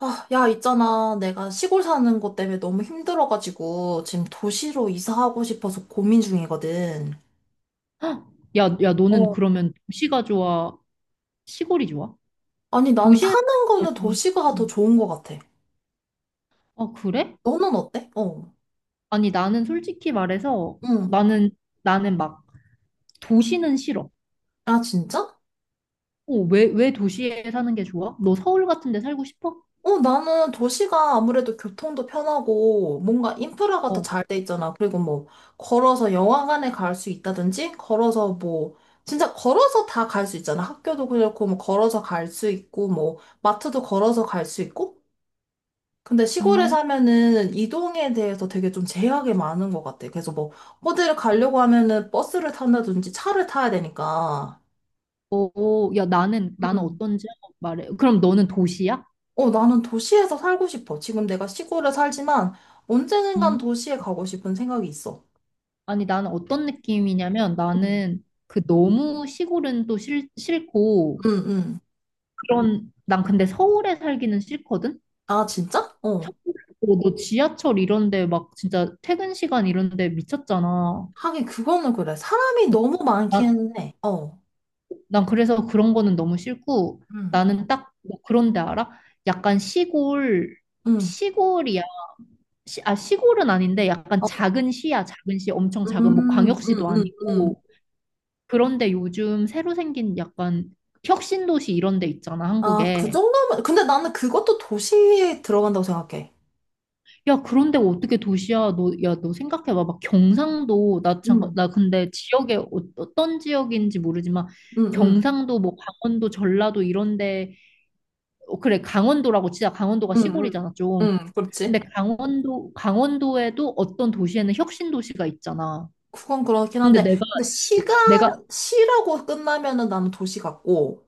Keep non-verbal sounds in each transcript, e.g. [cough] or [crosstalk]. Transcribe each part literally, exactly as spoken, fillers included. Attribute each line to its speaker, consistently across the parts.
Speaker 1: 아, 야, 있잖아. 내가 시골 사는 것 때문에 너무 힘들어가지고 지금 도시로 이사하고 싶어서 고민 중이거든.
Speaker 2: 헉! 야, 야, 너는
Speaker 1: 어.
Speaker 2: 그러면 도시가 좋아? 시골이 좋아?
Speaker 1: 아니, 나는
Speaker 2: 도시에서
Speaker 1: 사는
Speaker 2: 살기
Speaker 1: 거는
Speaker 2: 좋아?
Speaker 1: 도시가 더 좋은 것 같아.
Speaker 2: 아, 그래?
Speaker 1: 너는 어때? 어.
Speaker 2: 아니, 나는 솔직히 말해서
Speaker 1: 응.
Speaker 2: 나는, 나는 막 도시는 싫어.
Speaker 1: 아, 진짜?
Speaker 2: 어, 왜, 왜 도시에 사는 게 좋아? 너 서울 같은 데 살고 싶어?
Speaker 1: 어, 나는 도시가 아무래도 교통도 편하고 뭔가 인프라가 더
Speaker 2: 어,
Speaker 1: 잘 돼 있잖아. 그리고 뭐 걸어서 영화관에 갈 수 있다든지 걸어서 뭐 진짜 걸어서 다 갈 수 있잖아. 학교도 그렇고 뭐 걸어서 갈 수 있고 뭐 마트도 걸어서 갈 수 있고 근데 시골에
Speaker 2: 음,
Speaker 1: 사면은 이동에 대해서 되게 좀 제약이 많은 것 같아. 그래서 뭐, 어디를 가려고 하면은 버스를 탄다든지 차를 타야 되니까.
Speaker 2: 어, 어, 야, 나는, 나는
Speaker 1: 음.
Speaker 2: 어떤지 한번 말해. 그럼 너는 도시야?
Speaker 1: 어, 나는 도시에서 살고 싶어. 지금 내가 시골에 살지만 언젠간
Speaker 2: 음,
Speaker 1: 도시에 가고 싶은 생각이 있어.
Speaker 2: 아니, 나는 어떤 느낌이냐면
Speaker 1: 음.
Speaker 2: 나는 그 너무 시골은 또 싫, 싫고
Speaker 1: 응, 응.
Speaker 2: 그런, 난 근데 서울에 살기는 싫거든?
Speaker 1: 아, 진짜? 어.
Speaker 2: 어, 너 지하철 이런데 막 진짜 퇴근 시간 이런데 미쳤잖아.
Speaker 1: 하긴 그거는 그래. 사람이 너무
Speaker 2: 나,
Speaker 1: 많기는 해. 어.
Speaker 2: 난 그래서 그런 거는 너무 싫고
Speaker 1: 응,
Speaker 2: 나는 딱뭐 그런 데 알아? 약간 시골
Speaker 1: 응.
Speaker 2: 시골이야. 시, 아 시골은 아닌데 약간
Speaker 1: 어,
Speaker 2: 작은 시야. 작은 시 엄청 작은 뭐
Speaker 1: 음, 음,
Speaker 2: 광역시도
Speaker 1: 음, 음.
Speaker 2: 아니고 그런데 요즘 새로 생긴 약간 혁신도시 이런 데 있잖아
Speaker 1: 아, 그
Speaker 2: 한국에.
Speaker 1: 정도면. 근데 나는 그것도 도시에 들어간다고 생각해.
Speaker 2: 야, 그런데 어떻게 도시야? 너, 야, 너 생각해봐. 막 경상도, 나 잠깐,
Speaker 1: 음.
Speaker 2: 나 근데 지역에 어- 어떤 지역인지 모르지만
Speaker 1: 응, 응,
Speaker 2: 경상도, 뭐 강원도, 전라도 이런데, 어, 그래, 강원도라고 치자. 강원도가
Speaker 1: 응, 응,
Speaker 2: 시골이잖아, 좀.
Speaker 1: 응,
Speaker 2: 근데
Speaker 1: 그렇지.
Speaker 2: 강원도, 강원도에도 어떤 도시에는 혁신 도시가 있잖아.
Speaker 1: 그건 그렇긴
Speaker 2: 근데
Speaker 1: 한데,
Speaker 2: 내가,
Speaker 1: 근데 시가,
Speaker 2: 내가,
Speaker 1: 시라고 끝나면은 나는 도시 같고,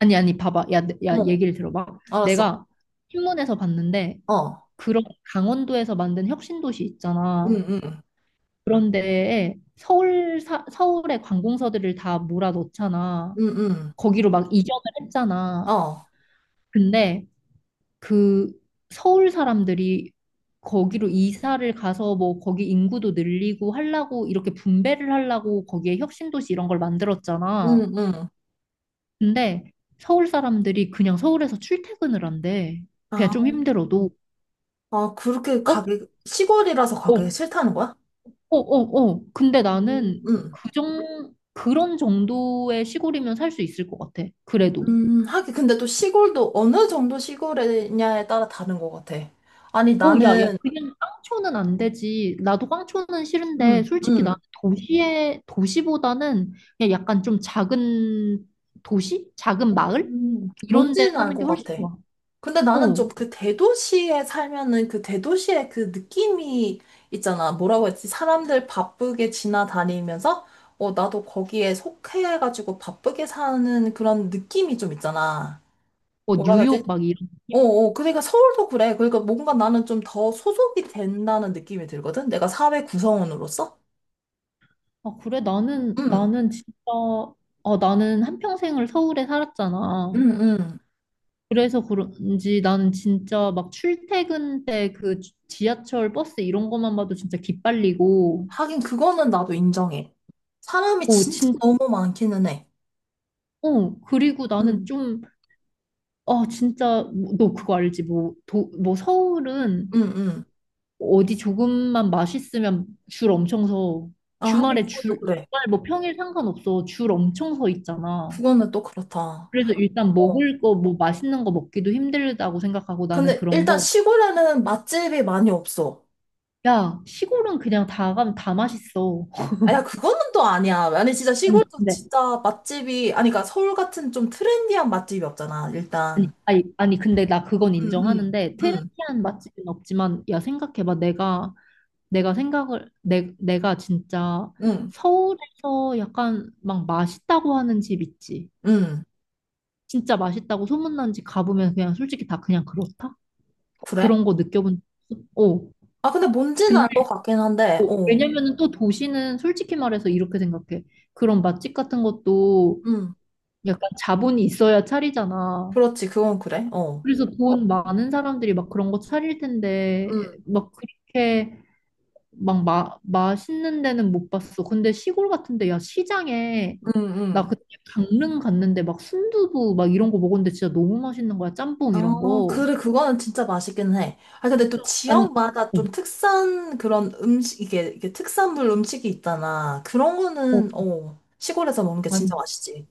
Speaker 2: 아니, 아니, 봐봐. 야, 내- 야,
Speaker 1: 어,
Speaker 2: 얘기를 들어봐.
Speaker 1: 알았어.
Speaker 2: 내가 신문에서 봤는데,
Speaker 1: 어,
Speaker 2: 그런 강원도에서 만든 혁신 도시
Speaker 1: 응,
Speaker 2: 있잖아.
Speaker 1: 응,
Speaker 2: 그런데 서울 사, 서울의 관공서들을 다 몰아넣잖아.
Speaker 1: 응, 응,
Speaker 2: 거기로 막 이전을 했잖아.
Speaker 1: 어,
Speaker 2: 근데 그 서울 사람들이 거기로 이사를 가서 뭐 거기 인구도 늘리고 하려고 이렇게 분배를 하려고 거기에 혁신도시 이런 걸 만들었잖아.
Speaker 1: 응, 응.
Speaker 2: 근데 서울 사람들이 그냥 서울에서 출퇴근을 한대. 그냥
Speaker 1: 아,
Speaker 2: 좀 힘들어도
Speaker 1: 아, 그렇게
Speaker 2: 어?
Speaker 1: 가기, 시골이라서 가기
Speaker 2: 어,
Speaker 1: 싫다는 거야?
Speaker 2: 어, 어, 어. 근데
Speaker 1: 음,
Speaker 2: 나는
Speaker 1: 음,
Speaker 2: 그 정, 그런 정도의 시골이면 살 수 있을 것 같아. 그래도.
Speaker 1: 음, 하긴 근데 또 시골도 어느 정도 시골이냐에 따라 다른 것 같아. 아니,
Speaker 2: 어, 야, 야,
Speaker 1: 나는,
Speaker 2: 그냥 깡초는 안 되지. 나도 깡초는 싫은데,
Speaker 1: 음,
Speaker 2: 솔직히 나는
Speaker 1: 음,
Speaker 2: 도시에, 도시보다는 그냥 약간 좀 작은 도시? 작은 마을?
Speaker 1: 음,
Speaker 2: 이런 데
Speaker 1: 뭔지는 알
Speaker 2: 사는 게
Speaker 1: 것
Speaker 2: 훨씬
Speaker 1: 같아.
Speaker 2: 좋아.
Speaker 1: 근데 나는
Speaker 2: 어,
Speaker 1: 좀 그 대도시에 살면은 그 대도시의 그 느낌이 있잖아. 뭐라고 했지? 사람들 바쁘게 지나다니면서, 어, 나도 거기에 속해가지고 바쁘게 사는 그런 느낌이 좀 있잖아.
Speaker 2: 뭐
Speaker 1: 뭐라고 했지?
Speaker 2: 뉴욕 막 이런
Speaker 1: 어,
Speaker 2: 느낌?
Speaker 1: 어, 그러니까 서울도 그래. 그러니까 뭔가 나는 좀 더 소속이 된다는 느낌이 들거든. 내가 사회 구성원으로서.
Speaker 2: 아, 그래, 나는,
Speaker 1: 응,
Speaker 2: 나는 진짜, 아, 나는 한평생을 서울에 살았잖아.
Speaker 1: 응, 응.
Speaker 2: 그래서 그런지 나는 진짜 막 출퇴근 때 그 지하철 버스 이런 것만 봐도 진짜 기빨리고
Speaker 1: 하긴 그거는 나도 인정해. 사람이
Speaker 2: 어,
Speaker 1: 진짜
Speaker 2: 진,
Speaker 1: 너무 많기는 해.
Speaker 2: 어, 그리고 나는
Speaker 1: 응,
Speaker 2: 좀, 아, 진짜, 뭐, 너 그거 알지? 뭐, 도, 뭐, 서울은
Speaker 1: 응, 응.
Speaker 2: 어디 조금만 맛있으면 줄 엄청 서.
Speaker 1: 아, 하긴
Speaker 2: 주말에
Speaker 1: 그것도
Speaker 2: 줄,
Speaker 1: 그래.
Speaker 2: 주말 뭐 평일 상관없어. 줄 엄청 서 있잖아.
Speaker 1: 그거는 또 그렇다.
Speaker 2: 그래서 일단
Speaker 1: 어.
Speaker 2: 먹을 거, 뭐 맛있는 거 먹기도 힘들다고 생각하고 나는
Speaker 1: 근데
Speaker 2: 그런
Speaker 1: 일단
Speaker 2: 거.
Speaker 1: 시골에는 맛집이 많이 없어.
Speaker 2: 야, 시골은 그냥 다 가면 다 맛있어.
Speaker 1: 아, 야, 그거는 또 아니야. 아니, 진짜
Speaker 2: 아니,
Speaker 1: 시골도
Speaker 2: 근데
Speaker 1: 진짜 맛집이, 아니, 그러니까 서울 같은 좀 트렌디한 맛집이 없잖아, 일단.
Speaker 2: 아니, 아니, 아니, 근데 나 그건
Speaker 1: 응, 응,
Speaker 2: 인정하는데,
Speaker 1: 응,
Speaker 2: 트렌디한 맛집은 없지만, 야, 생각해봐. 내가, 내가 생각을, 내, 내가 진짜
Speaker 1: 응,
Speaker 2: 서울에서 약간 막 맛있다고 하는 집 있지.
Speaker 1: 응.
Speaker 2: 진짜 맛있다고 소문난 집 가보면 그냥 솔직히 다 그냥 그렇다?
Speaker 1: 그래?
Speaker 2: 그런 거 느껴본 적 없어? 어.
Speaker 1: 아, 근데 뭔지는
Speaker 2: 근데,
Speaker 1: 알 것 같긴 한데,
Speaker 2: 어,
Speaker 1: 어.
Speaker 2: 왜냐면은 또 도시는 솔직히 말해서 이렇게 생각해. 그런 맛집 같은 것도
Speaker 1: 응.
Speaker 2: 약간 자본이 있어야 차리잖아.
Speaker 1: 그렇지, 그건 그래. 어.
Speaker 2: 그래서 돈 많은 사람들이 막 그런 거 차릴
Speaker 1: 응,
Speaker 2: 텐데 막 그렇게 막 마, 맛있는 데는 못 봤어. 근데 시골 같은데 야 시장에
Speaker 1: 응,
Speaker 2: 나
Speaker 1: 응.
Speaker 2: 그때 강릉 갔는데 막 순두부 막 이런 거 먹었는데 진짜 너무 맛있는 거야. 짬뽕 이런
Speaker 1: 어,
Speaker 2: 거.
Speaker 1: 그래, 그거는 진짜 맛있긴 해. 아, 근데
Speaker 2: 진짜?
Speaker 1: 또
Speaker 2: 아니,
Speaker 1: 지역마다
Speaker 2: 어,
Speaker 1: 좀 특산 그런 음식, 이게, 이게 특산물 음식이 있잖아. 그런
Speaker 2: 어,
Speaker 1: 거는, 어, 시골에서 먹는 게
Speaker 2: 아니,
Speaker 1: 진짜 맛있지.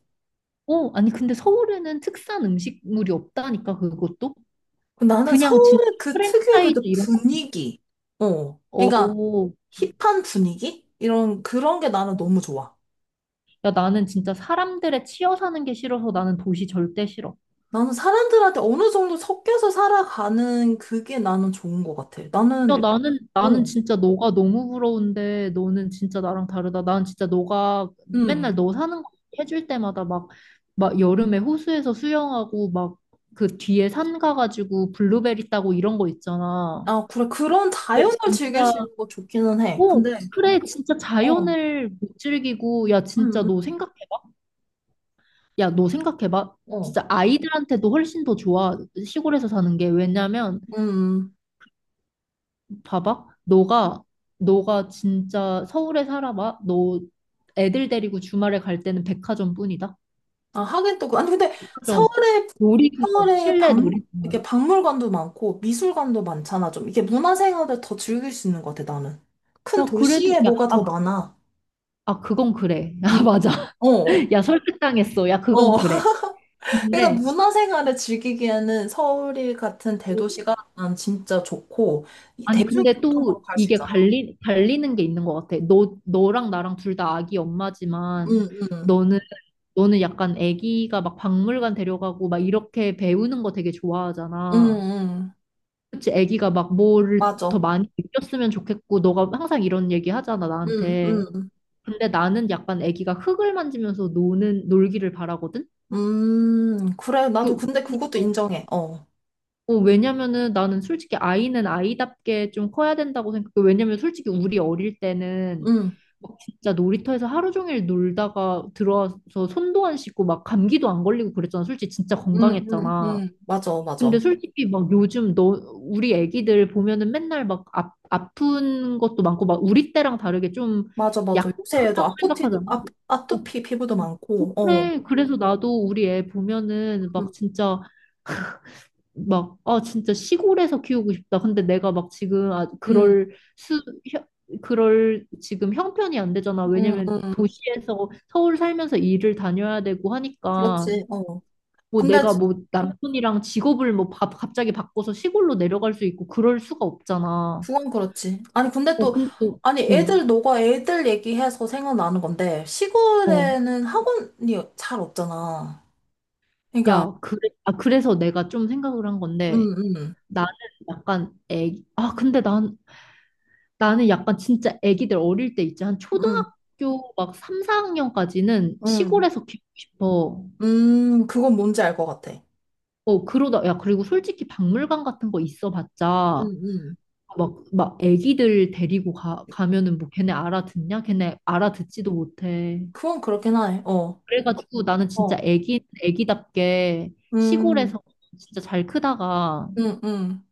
Speaker 2: 어, 아니 근데 서울에는 특산 음식물이 없다니까 그것도
Speaker 1: 근데 나는
Speaker 2: 그냥 진짜
Speaker 1: 서울의 그 특유의
Speaker 2: 프랜차이즈
Speaker 1: 그
Speaker 2: 이런 거.
Speaker 1: 분위기, 어, 그러니까
Speaker 2: 어,
Speaker 1: 힙한 분위기? 이런, 그런 게 나는 너무 좋아.
Speaker 2: 야 나는 진짜 사람들의 치여 사는 게 싫어서 나는 도시 절대 싫어.
Speaker 1: 나는 사람들한테 어느 정도 섞여서 살아가는 그게 나는 좋은 것 같아.
Speaker 2: 야,
Speaker 1: 나는,
Speaker 2: 나는, 나는
Speaker 1: 어,
Speaker 2: 진짜 너가 너무 부러운데, 너는 진짜 나랑 다르다. 난 진짜 너가 맨날
Speaker 1: 음.
Speaker 2: 너 사는 거 해줄 때마다 막, 막 여름에 호수에서 수영하고, 막 그 뒤에 산 가가지고 블루베리 따고 이런 거 있잖아.
Speaker 1: 아, 그래, 그런
Speaker 2: 이게
Speaker 1: 자연을 즐길
Speaker 2: 진짜,
Speaker 1: 수 있는 거 좋기는 해.
Speaker 2: 오,
Speaker 1: 근데,
Speaker 2: 그래, 진짜
Speaker 1: 어.
Speaker 2: 자연을 못 즐기고, 야, 진짜
Speaker 1: 음,
Speaker 2: 너
Speaker 1: 음,
Speaker 2: 생각해봐. 야, 너 생각해봐.
Speaker 1: 어.
Speaker 2: 진짜 아이들한테도 훨씬 더 좋아, 시골에서 사는 게. 왜냐면,
Speaker 1: 음.
Speaker 2: 봐봐. 너가, 너가 진짜 서울에 살아봐. 너 애들 데리고 주말에 갈 때는 백화점뿐이다.
Speaker 1: 아, 하긴 또, 그- 아니, 근데
Speaker 2: 백화점,
Speaker 1: 서울에,
Speaker 2: 놀이기구,
Speaker 1: 서울에
Speaker 2: 실내
Speaker 1: 박, 이렇게
Speaker 2: 놀이기구.
Speaker 1: 박물관도 많고 미술관도 많잖아, 좀. 이게 문화생활을 더 즐길 수 있는 것 같아, 나는. 큰
Speaker 2: 야, 그래도,
Speaker 1: 도시에
Speaker 2: 야,
Speaker 1: 뭐가 더
Speaker 2: 아, 그-
Speaker 1: 많아.
Speaker 2: 아, 그건 그래. [laughs]
Speaker 1: 음,
Speaker 2: 야, 맞아.
Speaker 1: 어,
Speaker 2: [laughs] 야, 설득당했어. 야, 그건
Speaker 1: 어.
Speaker 2: 그래.
Speaker 1: [laughs] 그러니까
Speaker 2: 근데,
Speaker 1: 문화생활을 즐기기에는 서울 같은
Speaker 2: 어,
Speaker 1: 대도시가 난 진짜 좋고, 이
Speaker 2: 아니, 근데 또
Speaker 1: 대중교통으로 갈 수
Speaker 2: 이게
Speaker 1: 있잖아.
Speaker 2: 갈리, 갈리는 게 있는 것 같아. 너, 너랑 나랑 둘 다 아기
Speaker 1: 응,
Speaker 2: 엄마지만,
Speaker 1: 응,
Speaker 2: 너는 너는 약간 아기가 막 박물관 데려가고 막 이렇게 배우는 거 되게
Speaker 1: 응,
Speaker 2: 좋아하잖아.
Speaker 1: 응, 응.
Speaker 2: 그치, 애기가 막 뭐를 더
Speaker 1: 맞아.
Speaker 2: 많이 느꼈으면 좋겠고, 너가 항상 이런 얘기 하잖아,
Speaker 1: 응,
Speaker 2: 나한테.
Speaker 1: 응,
Speaker 2: 근데 나는 약간 애기가 흙을 만지면서 노는, 놀기를 바라거든?
Speaker 1: 음, 그래. 나도
Speaker 2: 그,
Speaker 1: 근데 그것도
Speaker 2: 그러니까.
Speaker 1: 인정해. 어.
Speaker 2: 어, 왜냐면은 나는 솔직히 아이는 아이답게 좀 커야 된다고 생각해. 왜냐면 솔직히 우리 어릴 때는
Speaker 1: 응.
Speaker 2: 막 진짜 놀이터에서 하루 종일 놀다가 들어와서 손도 안 씻고 막 감기도 안 걸리고 그랬잖아. 솔직히 진짜
Speaker 1: 응응
Speaker 2: 건강했잖아.
Speaker 1: 응 맞아,
Speaker 2: 근데
Speaker 1: 맞아.
Speaker 2: 솔직히 막 요즘 너 우리 애기들 보면은 맨날 막 아, 아픈 것도 많고 막 우리 때랑 다르게 좀
Speaker 1: 맞아, 맞아. 요새 애들
Speaker 2: 약하다고
Speaker 1: 아포티도,
Speaker 2: 생각하잖아.
Speaker 1: 아,
Speaker 2: 어,
Speaker 1: 아토피 피부도
Speaker 2: 어,
Speaker 1: 많고, 어.
Speaker 2: 그래. 그래서 나도 우리 애 보면은 막
Speaker 1: 응
Speaker 2: 진짜 막, 아, 진짜 시골에서 키우고 싶다. 근데 내가 막 지금, 아,
Speaker 1: 응
Speaker 2: 그럴 수, 혀- 그럴 지금 형편이 안 되잖아.
Speaker 1: 응
Speaker 2: 왜냐면
Speaker 1: 응
Speaker 2: 도시에서 서울 살면서 일을 다녀야 되고 하니까.
Speaker 1: 그렇지, 어.
Speaker 2: 뭐
Speaker 1: 근데,
Speaker 2: 내가
Speaker 1: 지-
Speaker 2: 뭐 남편이랑 직업을 뭐 바, 갑자기 바꿔서 시골로 내려갈 수 있고 그럴 수가 없잖아.
Speaker 1: 그건 그렇지. 아니, 근데
Speaker 2: 어,
Speaker 1: 또,
Speaker 2: 근데 또,
Speaker 1: 아니, 애들, 너가 애들 얘기해서 생각나는 건데,
Speaker 2: 어, 어.
Speaker 1: 시골에는 학원이 잘 없잖아. 그러니까,
Speaker 2: 야, 그래, 아, 그래서 내가 좀 생각을 한
Speaker 1: 응
Speaker 2: 건데
Speaker 1: 응
Speaker 2: 나는 약간 애기, 아, 근데 난, 나는 약간 진짜 애기들 어릴 때 있지. 한
Speaker 1: 응
Speaker 2: 초등학교 막 삼, 사 학년까지는
Speaker 1: 응
Speaker 2: 시골에서 키우고 싶어.
Speaker 1: 응 그건 뭔지 알 것 같아.
Speaker 2: 어, 그러다, 야, 그리고 솔직히 박물관 같은 거 있어 봤자
Speaker 1: 응응
Speaker 2: 막, 막 애기들 데리고 가, 가면은 뭐 걔네 알아듣냐? 걔네 알아듣지도 못해.
Speaker 1: 그건 그렇긴 하네, 어.
Speaker 2: 그래가지고 나는
Speaker 1: 어.
Speaker 2: 진짜 애기, 애기답게
Speaker 1: 음,
Speaker 2: 시골에서 진짜 잘 크다가
Speaker 1: 음, 음.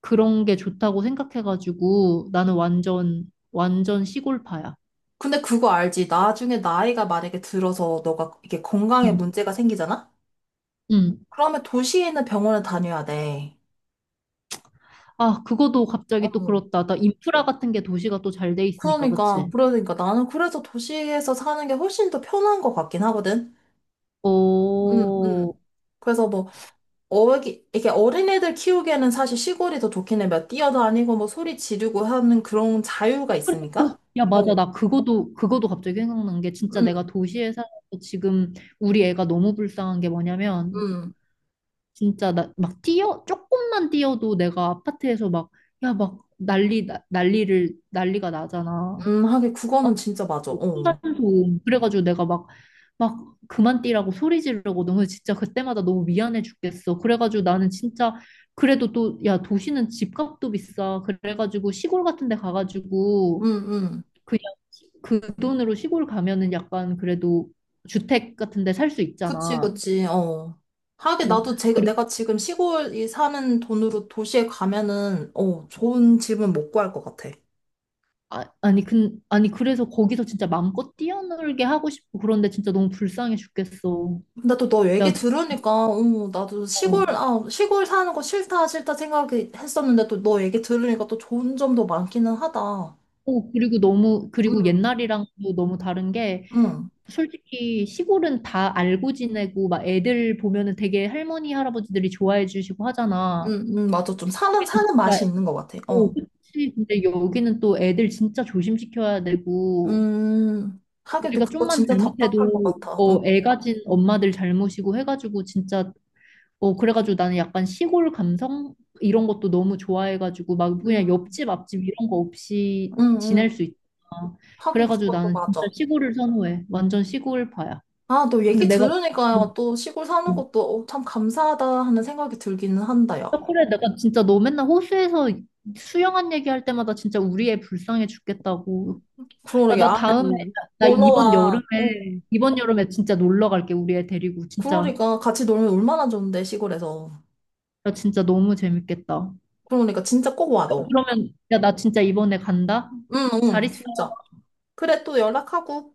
Speaker 2: 그런 게 좋다고 생각해가지고 나는 완전, 완전 시골파야.
Speaker 1: 근데 그거 알지? 나중에 나이가 만약에 들어서 너가 이게 건강에
Speaker 2: 응,
Speaker 1: 문제가 생기잖아?
Speaker 2: 응.
Speaker 1: 그러면 도시에 있는 병원을 다녀야 돼.
Speaker 2: 아, 그거도 갑자기 또
Speaker 1: 어.
Speaker 2: 그렇다. 나 인프라 같은 게 도시가 또 잘 돼 있으니까,
Speaker 1: 그러니까,
Speaker 2: 그치?
Speaker 1: 그러니까 나는 그래서 도시에서 사는 게 훨씬 더 편한 것 같긴 하거든. 음,
Speaker 2: 오...
Speaker 1: 음. 그래서 뭐, 어기, 이게 어린애들 키우기에는 사실 시골이 더 좋긴 해. 막 뛰어다니고 뭐 소리 지르고 하는 그런 자유가
Speaker 2: 그래, 어,
Speaker 1: 있으니까.
Speaker 2: 야, 맞아.
Speaker 1: 어,
Speaker 2: 나 그거도, 그거도 갑자기 생각난 게 진짜 내가
Speaker 1: 음,
Speaker 2: 도시에 살아서 지금 우리 애가 너무 불쌍한 게 뭐냐면
Speaker 1: 음,
Speaker 2: 진짜 나 막 뛰어, 조금만 뛰어도 내가 아파트에서 막, 야, 막 난리, 나- 난리를, 난리가 나잖아.
Speaker 1: 음, 하긴
Speaker 2: 어?
Speaker 1: 그거는 진짜 맞아. 어,
Speaker 2: 층간소음. 그래가지고 내가 막, 막 그만 뛰라고 소리 지르고 너무 진짜 그때마다 너무 미안해 죽겠어. 그래가지고 나는 진짜 그래도 또, 야, 도시는 집값도 비싸. 그래가지고 시골 같은 데
Speaker 1: 음,
Speaker 2: 가가지고
Speaker 1: 음.
Speaker 2: 그냥 시- 그 돈으로 시골 가면은 약간 그래도 주택 같은 데 살 수
Speaker 1: 그치,
Speaker 2: 있잖아.
Speaker 1: 그치, 어. 하긴
Speaker 2: 뭐
Speaker 1: 나도 제,
Speaker 2: 그리
Speaker 1: 내가 지금 시골이 사는 돈으로 도시에 가면은, 어, 좋은 집은 못 구할 것 같아.
Speaker 2: 아, 아니 근 아니 그래서 거기서 진짜 마음껏 뛰어놀게 하고 싶고 그런데 진짜 너무 불쌍해 죽겠어.
Speaker 1: 근데 또 너 얘기
Speaker 2: 야, 진짜.
Speaker 1: 들으니까, 어, 나도 시골,
Speaker 2: 어,
Speaker 1: 아, 시골 사는 거 싫다, 싫다 생각했었는데 또 너 얘기 들으니까 또 좋은 점도 많기는 하다.
Speaker 2: 어, 그리고 너무 그리고
Speaker 1: 응,
Speaker 2: 옛날이랑도 너무 다른 게
Speaker 1: 응,
Speaker 2: 솔직히 시골은 다 알고 지내고 막 애들 보면은 되게 할머니 할아버지들이 좋아해 주시고 하잖아.
Speaker 1: 응, 응, 맞아. 좀 사는, 사는
Speaker 2: 나,
Speaker 1: 맛이 있는 것 같아.
Speaker 2: 어,
Speaker 1: 어.
Speaker 2: 그치. 근데 여기는 또 애들 진짜 조심시켜야 되고
Speaker 1: 음, 하긴 또
Speaker 2: 우리가
Speaker 1: 그거
Speaker 2: 좀만
Speaker 1: 진짜 답답할 것
Speaker 2: 잘못해도
Speaker 1: 같아. 응,
Speaker 2: 어, 애 가진 엄마들 잘못이고 해가지고 진짜 어, 그래가지고 나는 약간 시골 감성 이런 것도 너무 좋아해가지고 막
Speaker 1: 응,
Speaker 2: 그냥 옆집 앞집 이런 거 없이
Speaker 1: 응. 응.
Speaker 2: 지낼 수 있잖아.
Speaker 1: 하긴
Speaker 2: 그래가지고
Speaker 1: 그것도
Speaker 2: 나는 진짜
Speaker 1: 맞아.
Speaker 2: 시골을 선호해. 완전 시골파야.
Speaker 1: 아, 너
Speaker 2: 근데
Speaker 1: 얘기
Speaker 2: 내가
Speaker 1: 들으니까 또 시골 사는 것도 어, 참 감사하다 하는 생각이 들기는 한다, 야.
Speaker 2: 그래 내가 진짜 너 맨날 호수에서 수영한 얘기할 때마다 진짜 우리 애 불쌍해 죽겠다고. 야,
Speaker 1: 그러게,
Speaker 2: 나
Speaker 1: 아,
Speaker 2: 다음에
Speaker 1: 음,
Speaker 2: 나 이번
Speaker 1: 놀러와.
Speaker 2: 여름에
Speaker 1: 어.
Speaker 2: 이번 여름에 진짜 놀러 갈게. 우리 애 데리고 진짜.
Speaker 1: 그러니까 같이 놀면 얼마나 좋은데, 시골에서.
Speaker 2: 나 진짜 너무 재밌겠다.
Speaker 1: 그러니까 진짜 꼭 와, 너.
Speaker 2: 그러면, 야, 나 진짜 이번에 간다?
Speaker 1: 응,
Speaker 2: 잘
Speaker 1: 응,
Speaker 2: 있어.
Speaker 1: 진짜. 그래, 또 연락하고.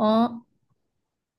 Speaker 2: 어?